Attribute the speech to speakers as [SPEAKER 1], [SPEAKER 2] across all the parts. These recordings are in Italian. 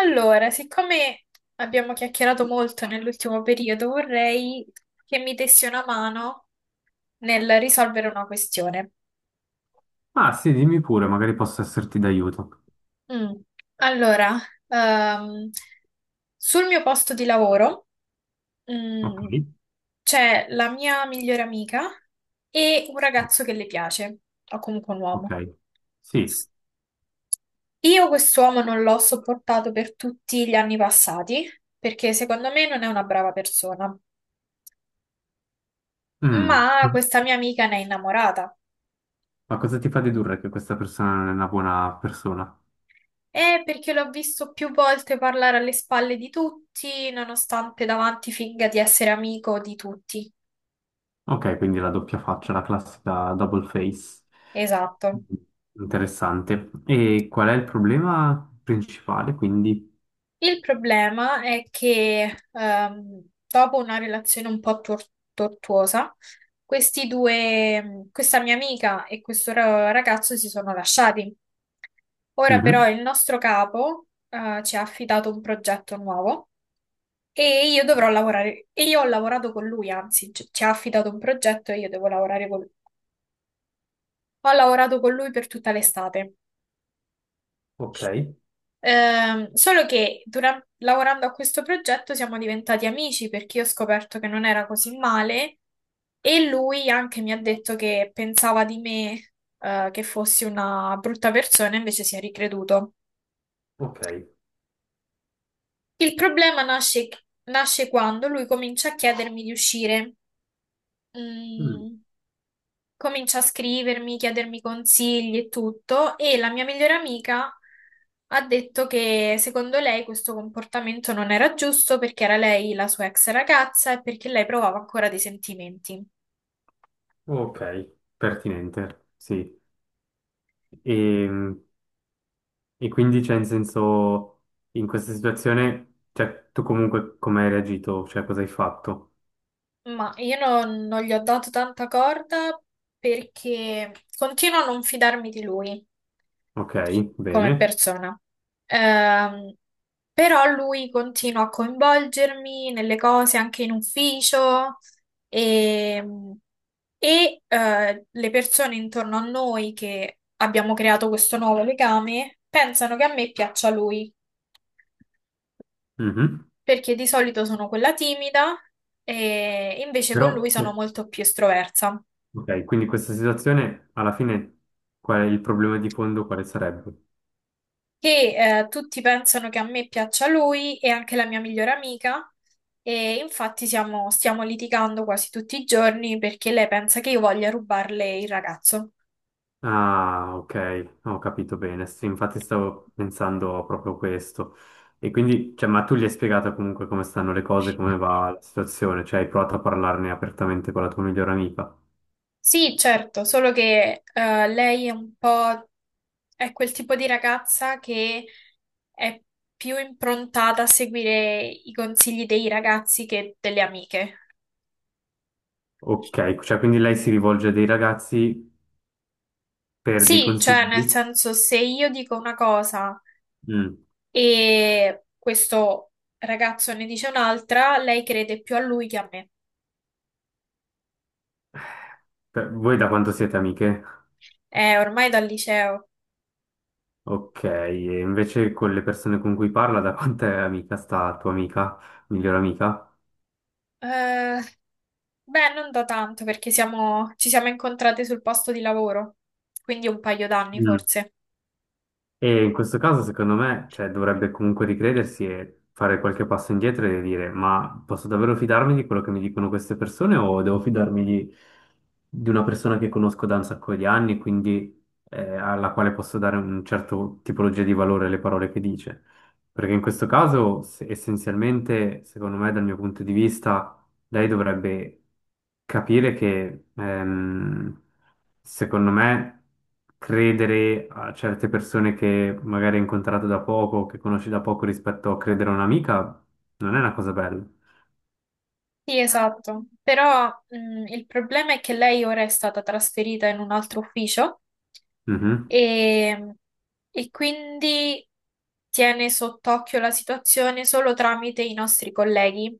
[SPEAKER 1] Allora, siccome abbiamo chiacchierato molto nell'ultimo periodo, vorrei che mi dessi una mano nel risolvere una questione.
[SPEAKER 2] Ah, sì, dimmi pure, magari posso esserti d'aiuto.
[SPEAKER 1] Mm. Allora, ehm, sul mio posto di lavoro,
[SPEAKER 2] Ok.
[SPEAKER 1] mm, c'è la mia migliore amica e un
[SPEAKER 2] Sì,
[SPEAKER 1] ragazzo che le piace, o comunque un
[SPEAKER 2] Ok.
[SPEAKER 1] uomo.
[SPEAKER 2] Sì.
[SPEAKER 1] Io quest'uomo non l'ho sopportato per tutti gli anni passati, perché secondo me non è una brava persona.
[SPEAKER 2] Mm.
[SPEAKER 1] Ma questa mia amica ne è innamorata.
[SPEAKER 2] Ma cosa ti fa dedurre che questa persona non è una buona persona?
[SPEAKER 1] Perché l'ho visto più volte parlare alle spalle di tutti, nonostante davanti finga di essere amico di tutti.
[SPEAKER 2] Ok, quindi la doppia faccia, la classica double face.
[SPEAKER 1] Esatto.
[SPEAKER 2] Interessante. E qual è il problema principale, quindi?
[SPEAKER 1] Il problema è che dopo una relazione un po' tortuosa, questi due, questa mia amica e questo ragazzo si sono lasciati. Ora
[SPEAKER 2] Mhm.
[SPEAKER 1] però il nostro capo ci ha affidato un progetto nuovo. E io dovrò lavorare, e Io ho lavorato con lui, anzi, ci ha affidato un progetto e io devo lavorare con lui. Ho lavorato con lui per tutta l'estate.
[SPEAKER 2] Ok,
[SPEAKER 1] Solo che lavorando a questo progetto siamo diventati amici perché io ho scoperto che non era così male e lui anche mi ha detto che pensava di me, che fossi una brutta persona, invece si è ricreduto.
[SPEAKER 2] ok.
[SPEAKER 1] Il problema nasce, Nasce quando lui comincia a chiedermi di uscire.
[SPEAKER 2] Mm,
[SPEAKER 1] Mm. Comincia a scrivermi, chiedermi consigli e tutto, e la mia migliore amica ha detto che secondo lei questo comportamento non era giusto perché era lei la sua ex ragazza e perché lei provava ancora dei sentimenti.
[SPEAKER 2] Ok, pertinente, sì. E E quindi, cioè, in senso, in questa situazione, cioè, tu comunque come hai reagito? Cioè, cosa hai fatto?
[SPEAKER 1] Ma io non, non gli ho dato tanta corda perché continuo a non fidarmi di lui
[SPEAKER 2] Ok,
[SPEAKER 1] come
[SPEAKER 2] bene.
[SPEAKER 1] persona. Ehm, Però lui continua a coinvolgermi nelle cose anche in ufficio e, e le persone intorno a noi che abbiamo creato questo nuovo legame pensano che a me piaccia lui,
[SPEAKER 2] Mhm.
[SPEAKER 1] perché di solito sono quella timida e invece con lui
[SPEAKER 2] Però,
[SPEAKER 1] sono
[SPEAKER 2] cioè,
[SPEAKER 1] molto più estroversa.
[SPEAKER 2] ok, quindi questa situazione, alla fine, qual è il problema di fondo? Quale sarebbe?
[SPEAKER 1] Che tutti pensano che a me piaccia lui e anche la mia migliore amica, e infatti stiamo litigando quasi tutti i giorni perché lei pensa che io voglia rubarle il ragazzo.
[SPEAKER 2] Ah, ok, ho capito bene. Sì, infatti stavo pensando a proprio questo. E quindi, cioè, ma tu gli hai spiegato comunque come stanno le cose, come va la situazione? Cioè, hai provato a parlarne apertamente con la tua migliore amica?
[SPEAKER 1] Sì, certo, solo che lei è un po', è quel tipo di ragazza che è più improntata a seguire i consigli dei ragazzi che delle amiche.
[SPEAKER 2] Ok, cioè, quindi lei si rivolge a dei ragazzi per dei
[SPEAKER 1] Sì, cioè nel
[SPEAKER 2] consigli?
[SPEAKER 1] senso, se io dico una cosa
[SPEAKER 2] Mm.
[SPEAKER 1] e questo ragazzo ne dice un'altra, lei crede più a lui che a me.
[SPEAKER 2] Voi da quanto siete amiche?
[SPEAKER 1] È ormai dal liceo.
[SPEAKER 2] Ok, e invece con le persone con cui parla, da quanto è amica sta tua amica, migliore amica?
[SPEAKER 1] Eh, beh, non da tanto perché ci siamo incontrate sul posto di lavoro, quindi un paio d'anni
[SPEAKER 2] Mm.
[SPEAKER 1] forse.
[SPEAKER 2] E in questo caso, secondo me, cioè, dovrebbe comunque ricredersi e fare qualche passo indietro e dire: ma posso davvero fidarmi di quello che mi dicono queste persone o devo fidarmi di una persona che conosco da un sacco di anni, quindi alla quale posso dare un certo tipologia di valore alle parole che dice? Perché in questo caso, essenzialmente, secondo me, dal mio punto di vista lei dovrebbe capire che, secondo me, credere a certe persone che magari hai incontrato da poco, che conosci da poco rispetto a credere a un'amica, non è una cosa bella.
[SPEAKER 1] Sì, esatto. Però, il problema è che lei ora è stata trasferita in un altro ufficio,
[SPEAKER 2] Mhm.
[SPEAKER 1] e, e quindi tiene sott'occhio la situazione solo tramite i nostri colleghi.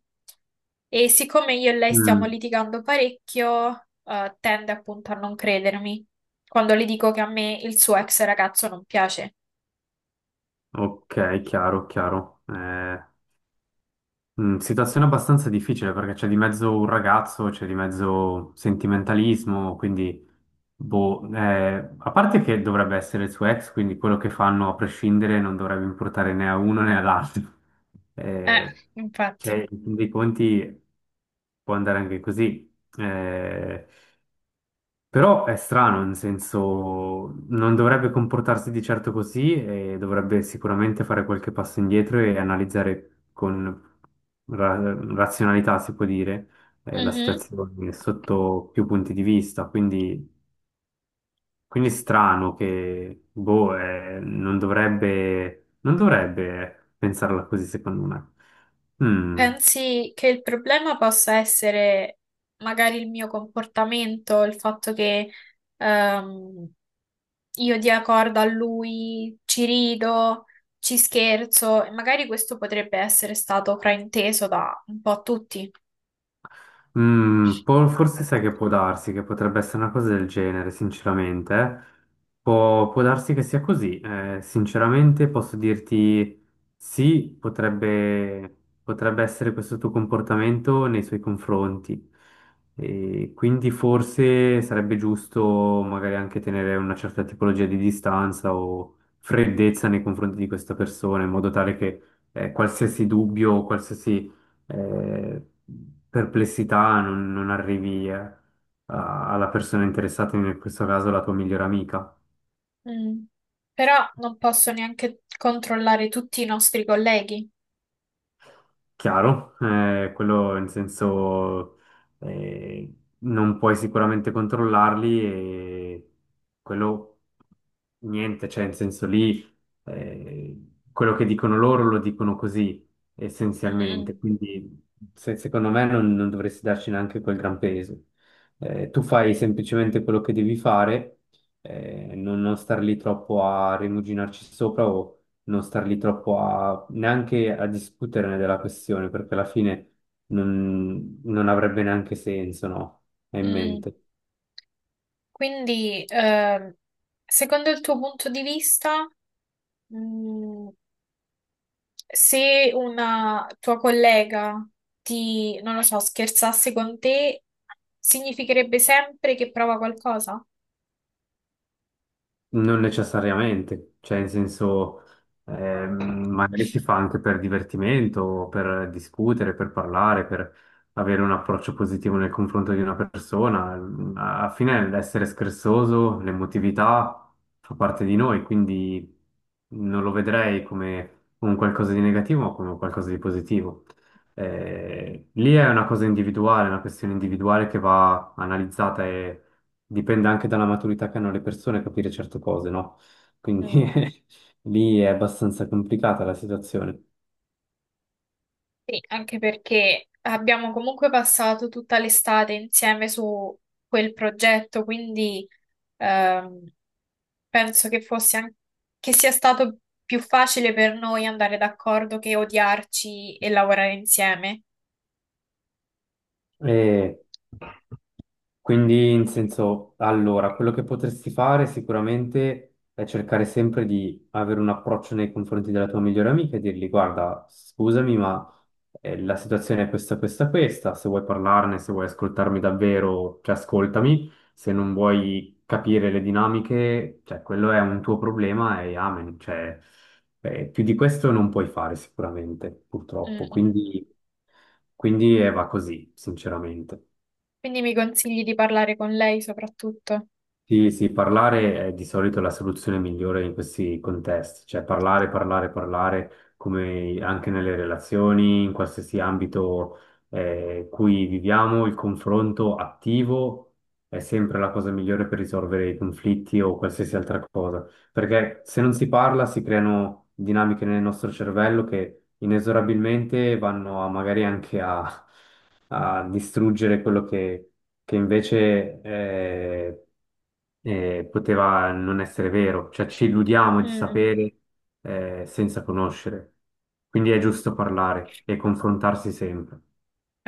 [SPEAKER 1] E siccome io e lei stiamo
[SPEAKER 2] Mm.
[SPEAKER 1] litigando parecchio, tende appunto a non credermi quando le dico che a me il suo ex ragazzo non piace.
[SPEAKER 2] Ok, chiaro, chiaro. Mm, situazione abbastanza difficile perché c'è di mezzo un ragazzo, c'è di mezzo sentimentalismo, quindi, boh, a parte che dovrebbe essere il suo ex, quindi quello che fanno a prescindere non dovrebbe importare né a uno né all'altro.
[SPEAKER 1] Eh,
[SPEAKER 2] Eh,
[SPEAKER 1] infatti.
[SPEAKER 2] cioè, in fin dei conti può andare anche così. Però è strano, nel senso, non dovrebbe comportarsi di certo così e dovrebbe sicuramente fare qualche passo indietro e analizzare con razionalità, si può dire, la
[SPEAKER 1] Mhm.
[SPEAKER 2] situazione sotto più punti di vista. Quindi, quindi è strano che, boh, non dovrebbe pensarla così, secondo me. Mm.
[SPEAKER 1] Pensi che il problema possa essere magari il mio comportamento, il fatto che ehm, io dia corda a lui, ci rido, ci scherzo, e magari questo potrebbe essere stato frainteso da un po' tutti.
[SPEAKER 2] Mm, forse sai che può darsi, che potrebbe essere una cosa del genere, sinceramente. Può darsi che sia così. Sinceramente posso dirti sì, potrebbe essere questo tuo comportamento nei suoi confronti. E quindi forse sarebbe giusto magari anche tenere una certa tipologia di distanza o freddezza nei confronti di questa persona, in modo tale che qualsiasi dubbio o qualsiasi eh, perplessità, non arrivi alla persona interessata, in questo caso la tua migliore amica.
[SPEAKER 1] Mm. Però non posso neanche controllare tutti i nostri colleghi.
[SPEAKER 2] Chiaro, quello in senso eh, non puoi sicuramente controllarli e quello niente, cioè in senso lì eh, quello che dicono loro lo dicono così essenzialmente,
[SPEAKER 1] Mm,
[SPEAKER 2] quindi secondo me non dovresti darci neanche quel gran peso. Tu fai semplicemente quello che devi fare, non star lì troppo a rimuginarci sopra o non star lì troppo a, neanche a discuterne della questione, perché alla fine non avrebbe neanche senso, no? È in
[SPEAKER 1] mm, mm.
[SPEAKER 2] mente.
[SPEAKER 1] Quindi, secondo il tuo punto di vista, mm, se una tua collega ti, non lo so, scherzasse con te, significherebbe sempre che prova qualcosa?
[SPEAKER 2] Non necessariamente, cioè in senso ehm, magari si fa anche per divertimento, o per discutere, per parlare, per avere un approccio positivo nel confronto di una persona. Alla fine l'essere scherzoso, l'emotività fa parte di noi, quindi non lo vedrei come un qualcosa di negativo, ma come un qualcosa di positivo. Lì è una cosa individuale, una questione individuale che va analizzata e dipende anche dalla maturità che hanno le persone capire certe cose, no? Quindi
[SPEAKER 1] Mm.
[SPEAKER 2] lì è abbastanza complicata la situazione.
[SPEAKER 1] Sì, anche perché abbiamo comunque passato tutta l'estate insieme su quel progetto, quindi ehm, penso che che sia stato più facile per noi andare d'accordo che odiarci e lavorare insieme.
[SPEAKER 2] E quindi, in senso, allora, quello che potresti fare sicuramente è cercare sempre di avere un approccio nei confronti della tua migliore amica e dirgli, guarda, scusami, ma la situazione è questa, questa, questa, se vuoi parlarne, se vuoi ascoltarmi davvero, cioè ascoltami, se non vuoi capire le dinamiche, cioè quello è un tuo problema e amen, cioè più di questo non puoi fare sicuramente,
[SPEAKER 1] Mm,
[SPEAKER 2] purtroppo,
[SPEAKER 1] mm.
[SPEAKER 2] quindi, quindi va così, sinceramente.
[SPEAKER 1] Quindi mi consigli di parlare con lei soprattutto.
[SPEAKER 2] Sì, sì, parlare è di solito la soluzione migliore in questi contesti, cioè parlare, parlare, parlare, come anche nelle relazioni, in qualsiasi ambito cui viviamo, il confronto attivo è sempre la cosa migliore per risolvere i conflitti o qualsiasi altra cosa, perché se non si parla si creano dinamiche nel nostro cervello che inesorabilmente vanno a, magari anche a, a distruggere quello che invece poteva non essere vero, cioè ci illudiamo
[SPEAKER 1] Mm,
[SPEAKER 2] di
[SPEAKER 1] mm.
[SPEAKER 2] sapere senza conoscere. Quindi è giusto parlare e confrontarsi sempre.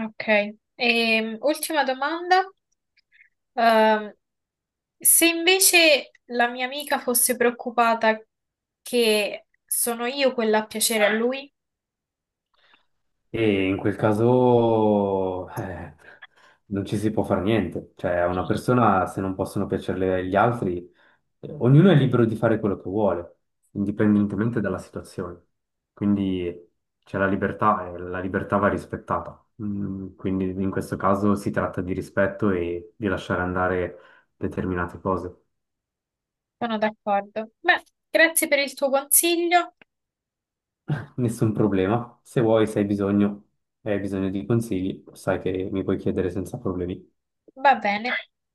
[SPEAKER 1] Ok. E, ultima domanda. Ehm, Se invece la mia amica fosse preoccupata che sono io quella a piacere a lui,
[SPEAKER 2] E in quel caso non ci si può fare niente, cioè a una persona se non possono piacerle gli altri, ognuno è libero di fare quello che vuole, indipendentemente dalla situazione. Quindi c'è la libertà e la libertà va rispettata. Mm, quindi in questo caso si tratta di rispetto e di lasciare andare determinate cose.
[SPEAKER 1] sono d'accordo. Beh, grazie per il tuo consiglio.
[SPEAKER 2] Nessun problema, se vuoi, se hai bisogno, e hai bisogno di consigli, sai che mi puoi chiedere senza problemi.
[SPEAKER 1] Va bene.